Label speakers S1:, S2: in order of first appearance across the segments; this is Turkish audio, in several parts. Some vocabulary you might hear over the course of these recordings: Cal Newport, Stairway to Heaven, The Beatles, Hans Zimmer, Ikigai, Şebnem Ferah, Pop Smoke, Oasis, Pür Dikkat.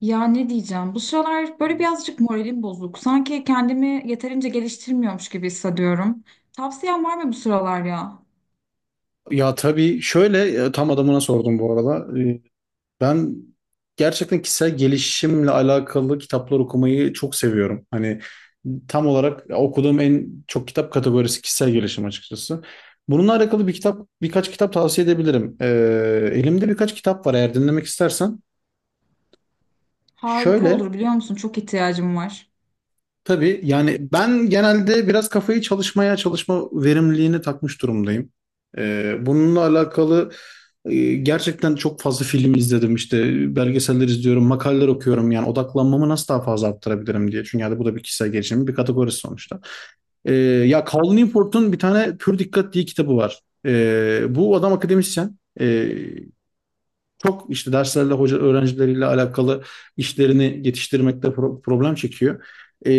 S1: Ya ne diyeceğim? Bu sıralar böyle birazcık moralim bozuk. Sanki kendimi yeterince geliştirmiyormuş gibi hissediyorum. Tavsiyen var mı bu sıralar ya?
S2: Ya tabii şöyle tam adamına sordum bu arada. Ben gerçekten kişisel gelişimle alakalı kitaplar okumayı çok seviyorum. Hani tam olarak okuduğum en çok kitap kategorisi kişisel gelişim açıkçası. Bununla alakalı bir kitap, birkaç kitap tavsiye edebilirim. Elimde birkaç kitap var eğer dinlemek istersen.
S1: Harika
S2: Şöyle
S1: olur biliyor musun? Çok ihtiyacım var.
S2: Tabii yani ben genelde biraz kafayı çalışmaya, çalışma verimliliğine takmış durumdayım. Bununla alakalı gerçekten çok fazla film izledim, işte belgeseller izliyorum, makaleler okuyorum yani odaklanmamı nasıl daha fazla arttırabilirim diye. Çünkü yani bu da bir kişisel gelişimin bir kategorisi sonuçta. Ya Cal Newport'un bir tane Pür Dikkat diye kitabı var. Bu adam akademisyen. Çok işte derslerle, hoca öğrencileriyle alakalı işlerini yetiştirmekte problem çekiyor. Ee,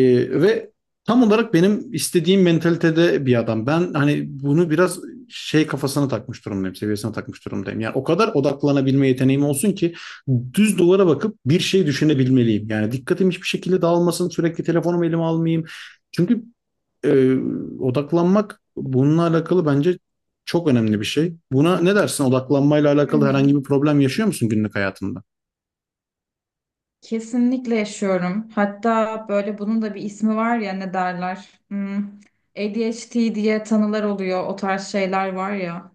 S2: ve tam olarak benim istediğim mentalitede bir adam. Ben hani bunu biraz şey kafasına takmış durumdayım, seviyesine takmış durumdayım. Yani o kadar odaklanabilme yeteneğim olsun ki düz duvara bakıp bir şey düşünebilmeliyim. Yani dikkatim hiçbir şekilde dağılmasın, sürekli telefonumu elime almayayım. Çünkü e, odaklanmak bununla alakalı bence çok önemli bir şey. Buna ne dersin? Odaklanmayla
S1: Hı
S2: alakalı
S1: hı.
S2: herhangi bir problem yaşıyor musun günlük hayatında?
S1: Kesinlikle yaşıyorum. Hatta böyle bunun da bir ismi var ya ne derler? Hmm. ADHD diye tanılar oluyor. O tarz şeyler var ya.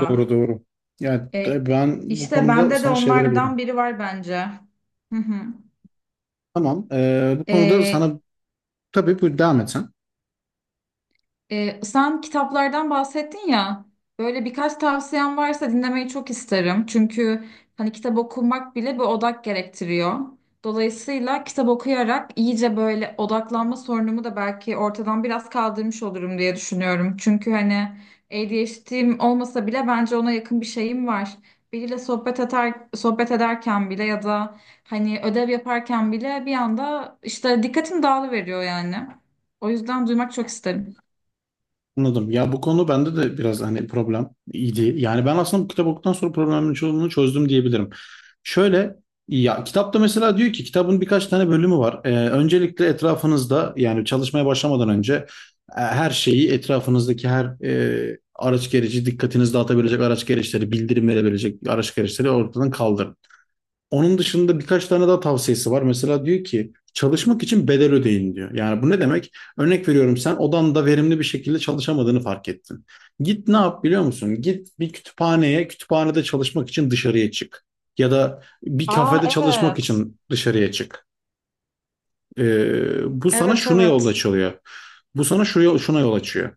S2: Doğru doğru. Yani
S1: E,
S2: ben bu
S1: işte
S2: konuda
S1: bende de
S2: sana şey
S1: onlardan
S2: verebilirim.
S1: biri var bence. Hı hı.
S2: Tamam. Bu konuda
S1: E,
S2: sana, tabii bu devam et sen.
S1: Sen kitaplardan bahsettin ya. Böyle birkaç tavsiyen varsa dinlemeyi çok isterim. Çünkü hani kitap okumak bile bir odak gerektiriyor. Dolayısıyla kitap okuyarak iyice böyle odaklanma sorunumu da belki ortadan biraz kaldırmış olurum diye düşünüyorum. Çünkü hani ADHD'm olmasa bile bence ona yakın bir şeyim var. Biriyle sohbet eder, sohbet ederken bile ya da hani ödev yaparken bile bir anda işte dikkatim dağılıveriyor yani. O yüzden duymak çok isterim.
S2: Anladım. Ya bu konu bende de biraz hani problem idi. Yani ben aslında bu kitap okuduktan sonra problemin çoğunu çözdüm diyebilirim. Şöyle ya kitapta mesela diyor ki kitabın birkaç tane bölümü var. Öncelikle etrafınızda, yani çalışmaya başlamadan önce her şeyi, etrafınızdaki her araç gereci, dikkatinizi dağıtabilecek araç gereçleri, bildirim verebilecek araç gereçleri ortadan kaldırın. Onun dışında birkaç tane daha tavsiyesi var. Mesela diyor ki çalışmak için bedel ödeyin diyor. Yani bu ne demek? Örnek veriyorum, sen odanda verimli bir şekilde çalışamadığını fark ettin. Git ne yap biliyor musun? Git bir kütüphaneye, kütüphanede çalışmak için dışarıya çık. Ya da bir
S1: Aa,
S2: kafede çalışmak
S1: evet.
S2: için dışarıya çık. Bu sana
S1: Evet,
S2: şunu yol
S1: evet.
S2: açılıyor. Bu sana şuna yol açıyor.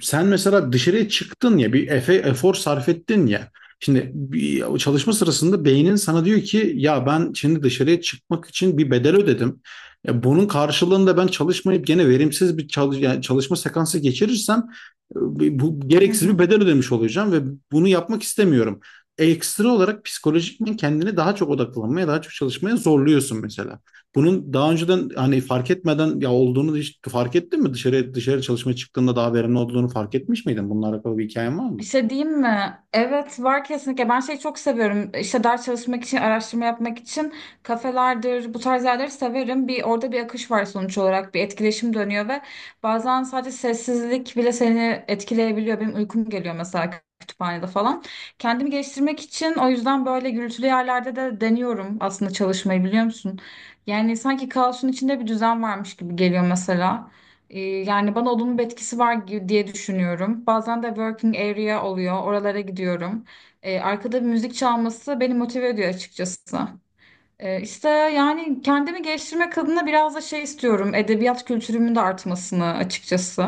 S2: Sen mesela dışarıya çıktın ya, bir efor sarf ettin ya. Şimdi bir çalışma sırasında beynin sana diyor ki ya ben şimdi dışarıya çıkmak için bir bedel ödedim. Ya bunun karşılığında ben çalışmayıp gene verimsiz bir yani çalışma sekansı geçirirsem bu
S1: Hı
S2: gereksiz
S1: hı.
S2: bir bedel ödemiş olacağım ve bunu yapmak istemiyorum. Ekstra olarak psikolojikmen kendini daha çok odaklanmaya, daha çok çalışmaya zorluyorsun mesela. Bunun daha önceden hani fark etmeden ya olduğunu hiç fark ettin mi? Dışarı çalışmaya çıktığında daha verimli olduğunu fark etmiş miydin? Bununla alakalı bir hikayen var
S1: Bir
S2: mı?
S1: şey diyeyim mi? Evet, var kesinlikle. Ben şeyi çok seviyorum. İşte ders çalışmak için, araştırma yapmak için kafelerdir, bu tarz yerleri severim. Bir orada bir akış var sonuç olarak. Bir etkileşim dönüyor ve bazen sadece sessizlik bile seni etkileyebiliyor. Benim uykum geliyor mesela kütüphanede falan. Kendimi geliştirmek için o yüzden böyle gürültülü yerlerde de deniyorum aslında çalışmayı biliyor musun? Yani sanki kaosun içinde bir düzen varmış gibi geliyor mesela. Yani bana olumlu bir etkisi var diye düşünüyorum. Bazen de working area oluyor. Oralara gidiyorum. Arkada bir müzik çalması beni motive ediyor açıkçası. İşte yani kendimi geliştirmek adına biraz da şey istiyorum. Edebiyat kültürümün de artmasını açıkçası.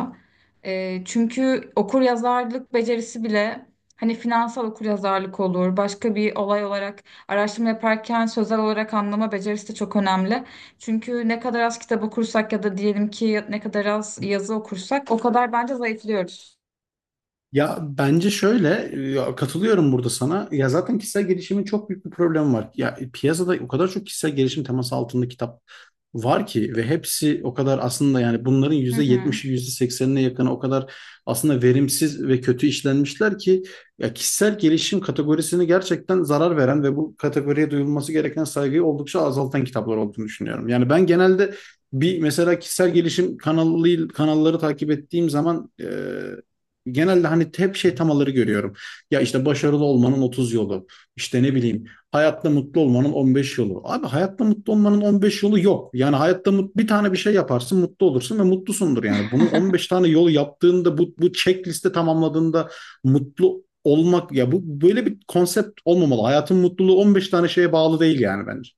S1: Çünkü okuryazarlık becerisi bile hani finansal okuryazarlık olur. Başka bir olay olarak araştırma yaparken sözel olarak anlama becerisi de çok önemli. Çünkü ne kadar az kitap okursak ya da diyelim ki ne kadar az yazı okursak o kadar bence zayıflıyoruz.
S2: Ya bence şöyle, ya katılıyorum burada sana. Ya zaten kişisel gelişimin çok büyük bir problemi var. Ya piyasada o kadar çok kişisel gelişim teması altında kitap var ki, ve hepsi o kadar, aslında yani bunların
S1: Hı
S2: yüzde
S1: hı.
S2: yetmişi, yüzde seksenine yakını o kadar aslında verimsiz ve kötü işlenmişler ki ya, kişisel gelişim kategorisini gerçekten zarar veren ve bu kategoriye duyulması gereken saygıyı oldukça azaltan kitaplar olduğunu düşünüyorum. Yani ben genelde bir mesela kişisel gelişim kanalı, kanalları takip ettiğim zaman, genelde hani hep şey temaları görüyorum. Ya işte başarılı olmanın 30 yolu. İşte ne bileyim, hayatta mutlu olmanın 15 yolu. Abi hayatta mutlu olmanın 15 yolu yok. Yani hayatta bir tane bir şey yaparsın, mutlu olursun ve mutlusundur yani. Bunu 15 tane yolu yaptığında, bu checkliste tamamladığında mutlu olmak, ya bu böyle bir konsept olmamalı. Hayatın mutluluğu 15 tane şeye bağlı değil yani bence.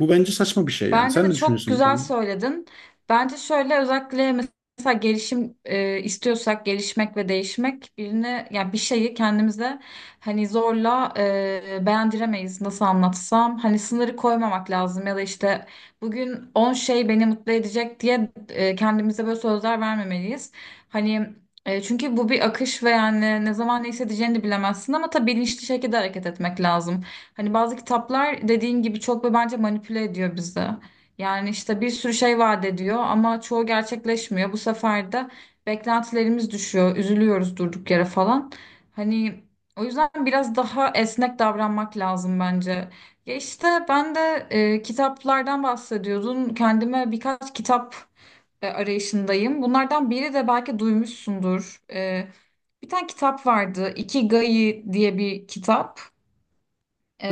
S2: Bu bence saçma bir şey yani.
S1: Bence
S2: Sen
S1: de
S2: ne
S1: çok
S2: düşünüyorsun bu
S1: güzel
S2: konuda?
S1: söyledin. Bence şöyle, özellikle mesela gelişim istiyorsak, gelişmek ve değişmek birine, yani bir şeyi kendimize hani zorla beğendiremeyiz, nasıl anlatsam. Hani sınırı koymamak lazım ya da işte bugün 10 şey beni mutlu edecek diye kendimize böyle sözler vermemeliyiz. Hani çünkü bu bir akış ve yani ne zaman ne hissedeceğini bilemezsin ama tabii bilinçli şekilde hareket etmek lazım. Hani bazı kitaplar dediğin gibi çok ve bence manipüle ediyor bizi. Yani işte bir sürü şey vaat ediyor ama çoğu gerçekleşmiyor. Bu sefer de beklentilerimiz düşüyor, üzülüyoruz durduk yere falan. Hani o yüzden biraz daha esnek davranmak lazım bence. Ya işte ben de kitaplardan bahsediyordun. Kendime birkaç kitap arayışındayım. Bunlardan biri de belki duymuşsundur. Bir tane kitap vardı. Ikigai diye bir kitap.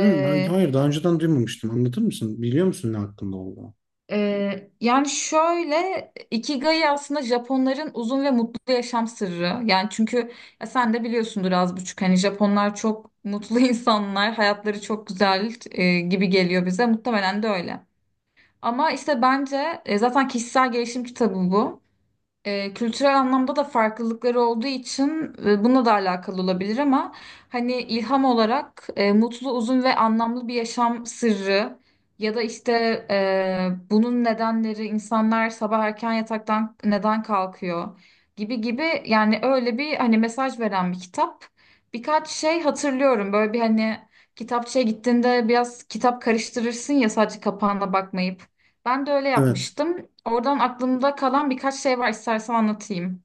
S2: Hı, hayır, hayır, daha önceden duymamıştım. Anlatır mısın? Biliyor musun ne hakkında olduğunu?
S1: Yani şöyle, Ikigai aslında Japonların uzun ve mutlu yaşam sırrı. Yani çünkü ya sen de biliyorsundur az buçuk, hani Japonlar çok mutlu insanlar, hayatları çok güzel gibi geliyor bize. Muhtemelen de öyle. Ama işte bence zaten kişisel gelişim kitabı bu. Kültürel anlamda da farklılıkları olduğu için bununla da alakalı olabilir ama hani ilham olarak mutlu, uzun ve anlamlı bir yaşam sırrı ya da işte bunun nedenleri, insanlar sabah erken yataktan neden kalkıyor gibi gibi, yani öyle bir hani mesaj veren bir kitap. Birkaç şey hatırlıyorum, böyle bir hani kitapçıya gittiğinde biraz kitap karıştırırsın ya sadece kapağına bakmayıp. Ben de öyle
S2: Evet.
S1: yapmıştım. Oradan aklımda kalan birkaç şey var, istersen anlatayım.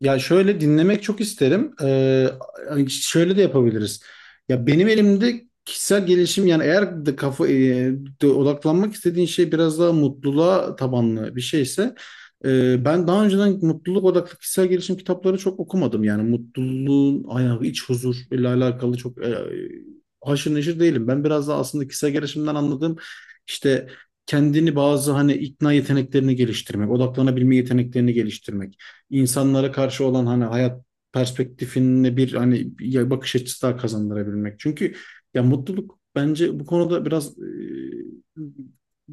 S2: Ya şöyle, dinlemek çok isterim. Şöyle de yapabiliriz. Ya benim elimde kişisel gelişim, yani eğer de kafa de odaklanmak istediğin şey biraz daha mutluluğa tabanlı bir şeyse, ben daha önceden mutluluk odaklı kişisel gelişim kitapları çok okumadım. Yani mutluluğun ayağı, iç huzur ile alakalı çok haşır neşir değilim. Ben biraz daha, aslında kişisel gelişimden anladığım işte, kendini bazı hani ikna yeteneklerini geliştirmek, odaklanabilme yeteneklerini geliştirmek, insanlara karşı olan hani hayat perspektifinde bir hani bir bakış açısı daha kazandırabilmek. Çünkü ya mutluluk bence bu konuda biraz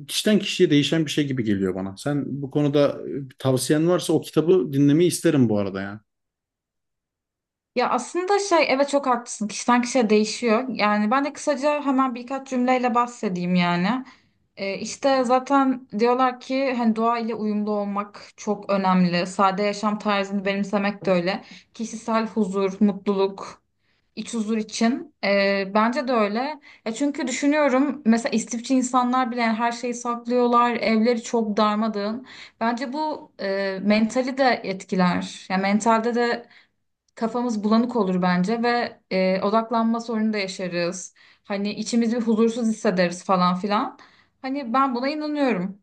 S2: kişiden kişiye değişen bir şey gibi geliyor bana. Sen bu konuda tavsiyen varsa o kitabı dinlemeyi isterim bu arada yani.
S1: Ya aslında şey, evet, çok haklısın. Kişiden kişiye değişiyor. Yani ben de kısaca hemen birkaç cümleyle bahsedeyim yani. İşte zaten diyorlar ki hani doğa ile uyumlu olmak çok önemli. Sade yaşam tarzını benimsemek de öyle. Kişisel huzur, mutluluk, İç huzur için. Bence de öyle. Ya çünkü düşünüyorum mesela istifçi insanlar bile yani her şeyi saklıyorlar. Evleri çok darmadığın. Bence bu mentali de etkiler. Yani mentalde de kafamız bulanık olur bence ve odaklanma sorunu da yaşarız. Hani içimizi bir huzursuz hissederiz falan filan. Hani ben buna inanıyorum.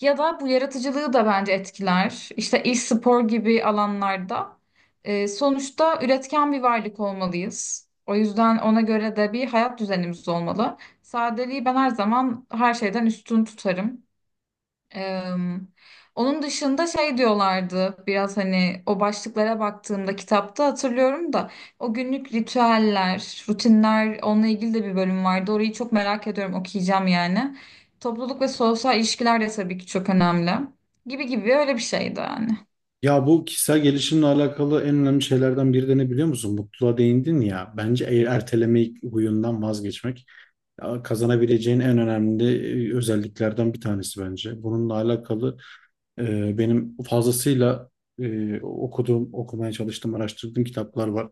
S1: Ya da bu yaratıcılığı da bence etkiler. İşte e-spor gibi alanlarda. Sonuçta üretken bir varlık olmalıyız. O yüzden ona göre de bir hayat düzenimiz olmalı. Sadeliği ben her zaman her şeyden üstün tutarım. Eee, Onun dışında şey diyorlardı, biraz hani o başlıklara baktığımda kitapta, hatırlıyorum da o günlük ritüeller, rutinler, onunla ilgili de bir bölüm vardı. Orayı çok merak ediyorum, okuyacağım yani. Topluluk ve sosyal ilişkiler de tabii ki çok önemli. Gibi gibi, öyle bir şeydi yani.
S2: Ya, bu kişisel gelişimle alakalı en önemli şeylerden biri de ne biliyor musun? Mutluluğa değindin ya. Bence eğer ertelemeyi huyundan vazgeçmek ya, kazanabileceğin en önemli özelliklerden bir tanesi bence. Bununla alakalı benim fazlasıyla okuduğum, okumaya çalıştığım, araştırdığım kitaplar var.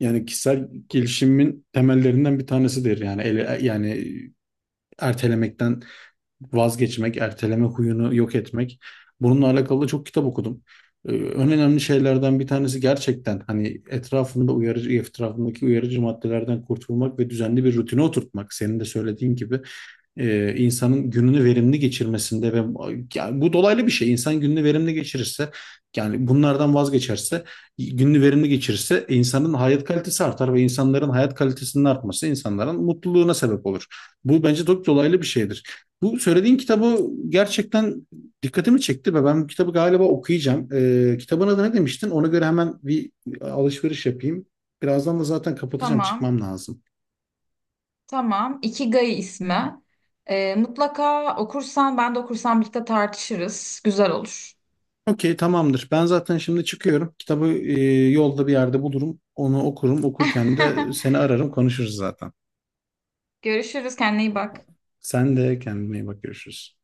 S2: Yani kişisel gelişimin temellerinden bir tanesidir. Yani ertelemekten vazgeçmek, erteleme huyunu yok etmek. Bununla alakalı da çok kitap okudum. En önemli şeylerden bir tanesi, gerçekten hani etrafında uyarıcı, etrafındaki uyarıcı maddelerden kurtulmak ve düzenli bir rutine oturtmak. Senin de söylediğin gibi insanın gününü verimli geçirmesinde ve, yani bu dolaylı bir şey. İnsan gününü verimli geçirirse, yani bunlardan vazgeçerse, gününü verimli geçirirse insanın hayat kalitesi artar, ve insanların hayat kalitesinin artması insanların mutluluğuna sebep olur. Bu bence çok dolaylı bir şeydir. Bu söylediğin kitabı gerçekten dikkatimi çekti ve ben bu kitabı galiba okuyacağım. Kitabın adı ne demiştin? Ona göre hemen bir alışveriş yapayım. Birazdan da zaten kapatacağım,
S1: Tamam.
S2: çıkmam lazım.
S1: Tamam. Ikigai ismi. Mutlaka okursan, ben de okursam birlikte tartışırız. Güzel olur.
S2: Okey, tamamdır. Ben zaten şimdi çıkıyorum. Kitabı yolda bir yerde bulurum. Onu okurum. Okurken de seni ararım, konuşuruz zaten.
S1: Görüşürüz, kendine iyi bak.
S2: Sen de kendine iyi bak, görüşürüz.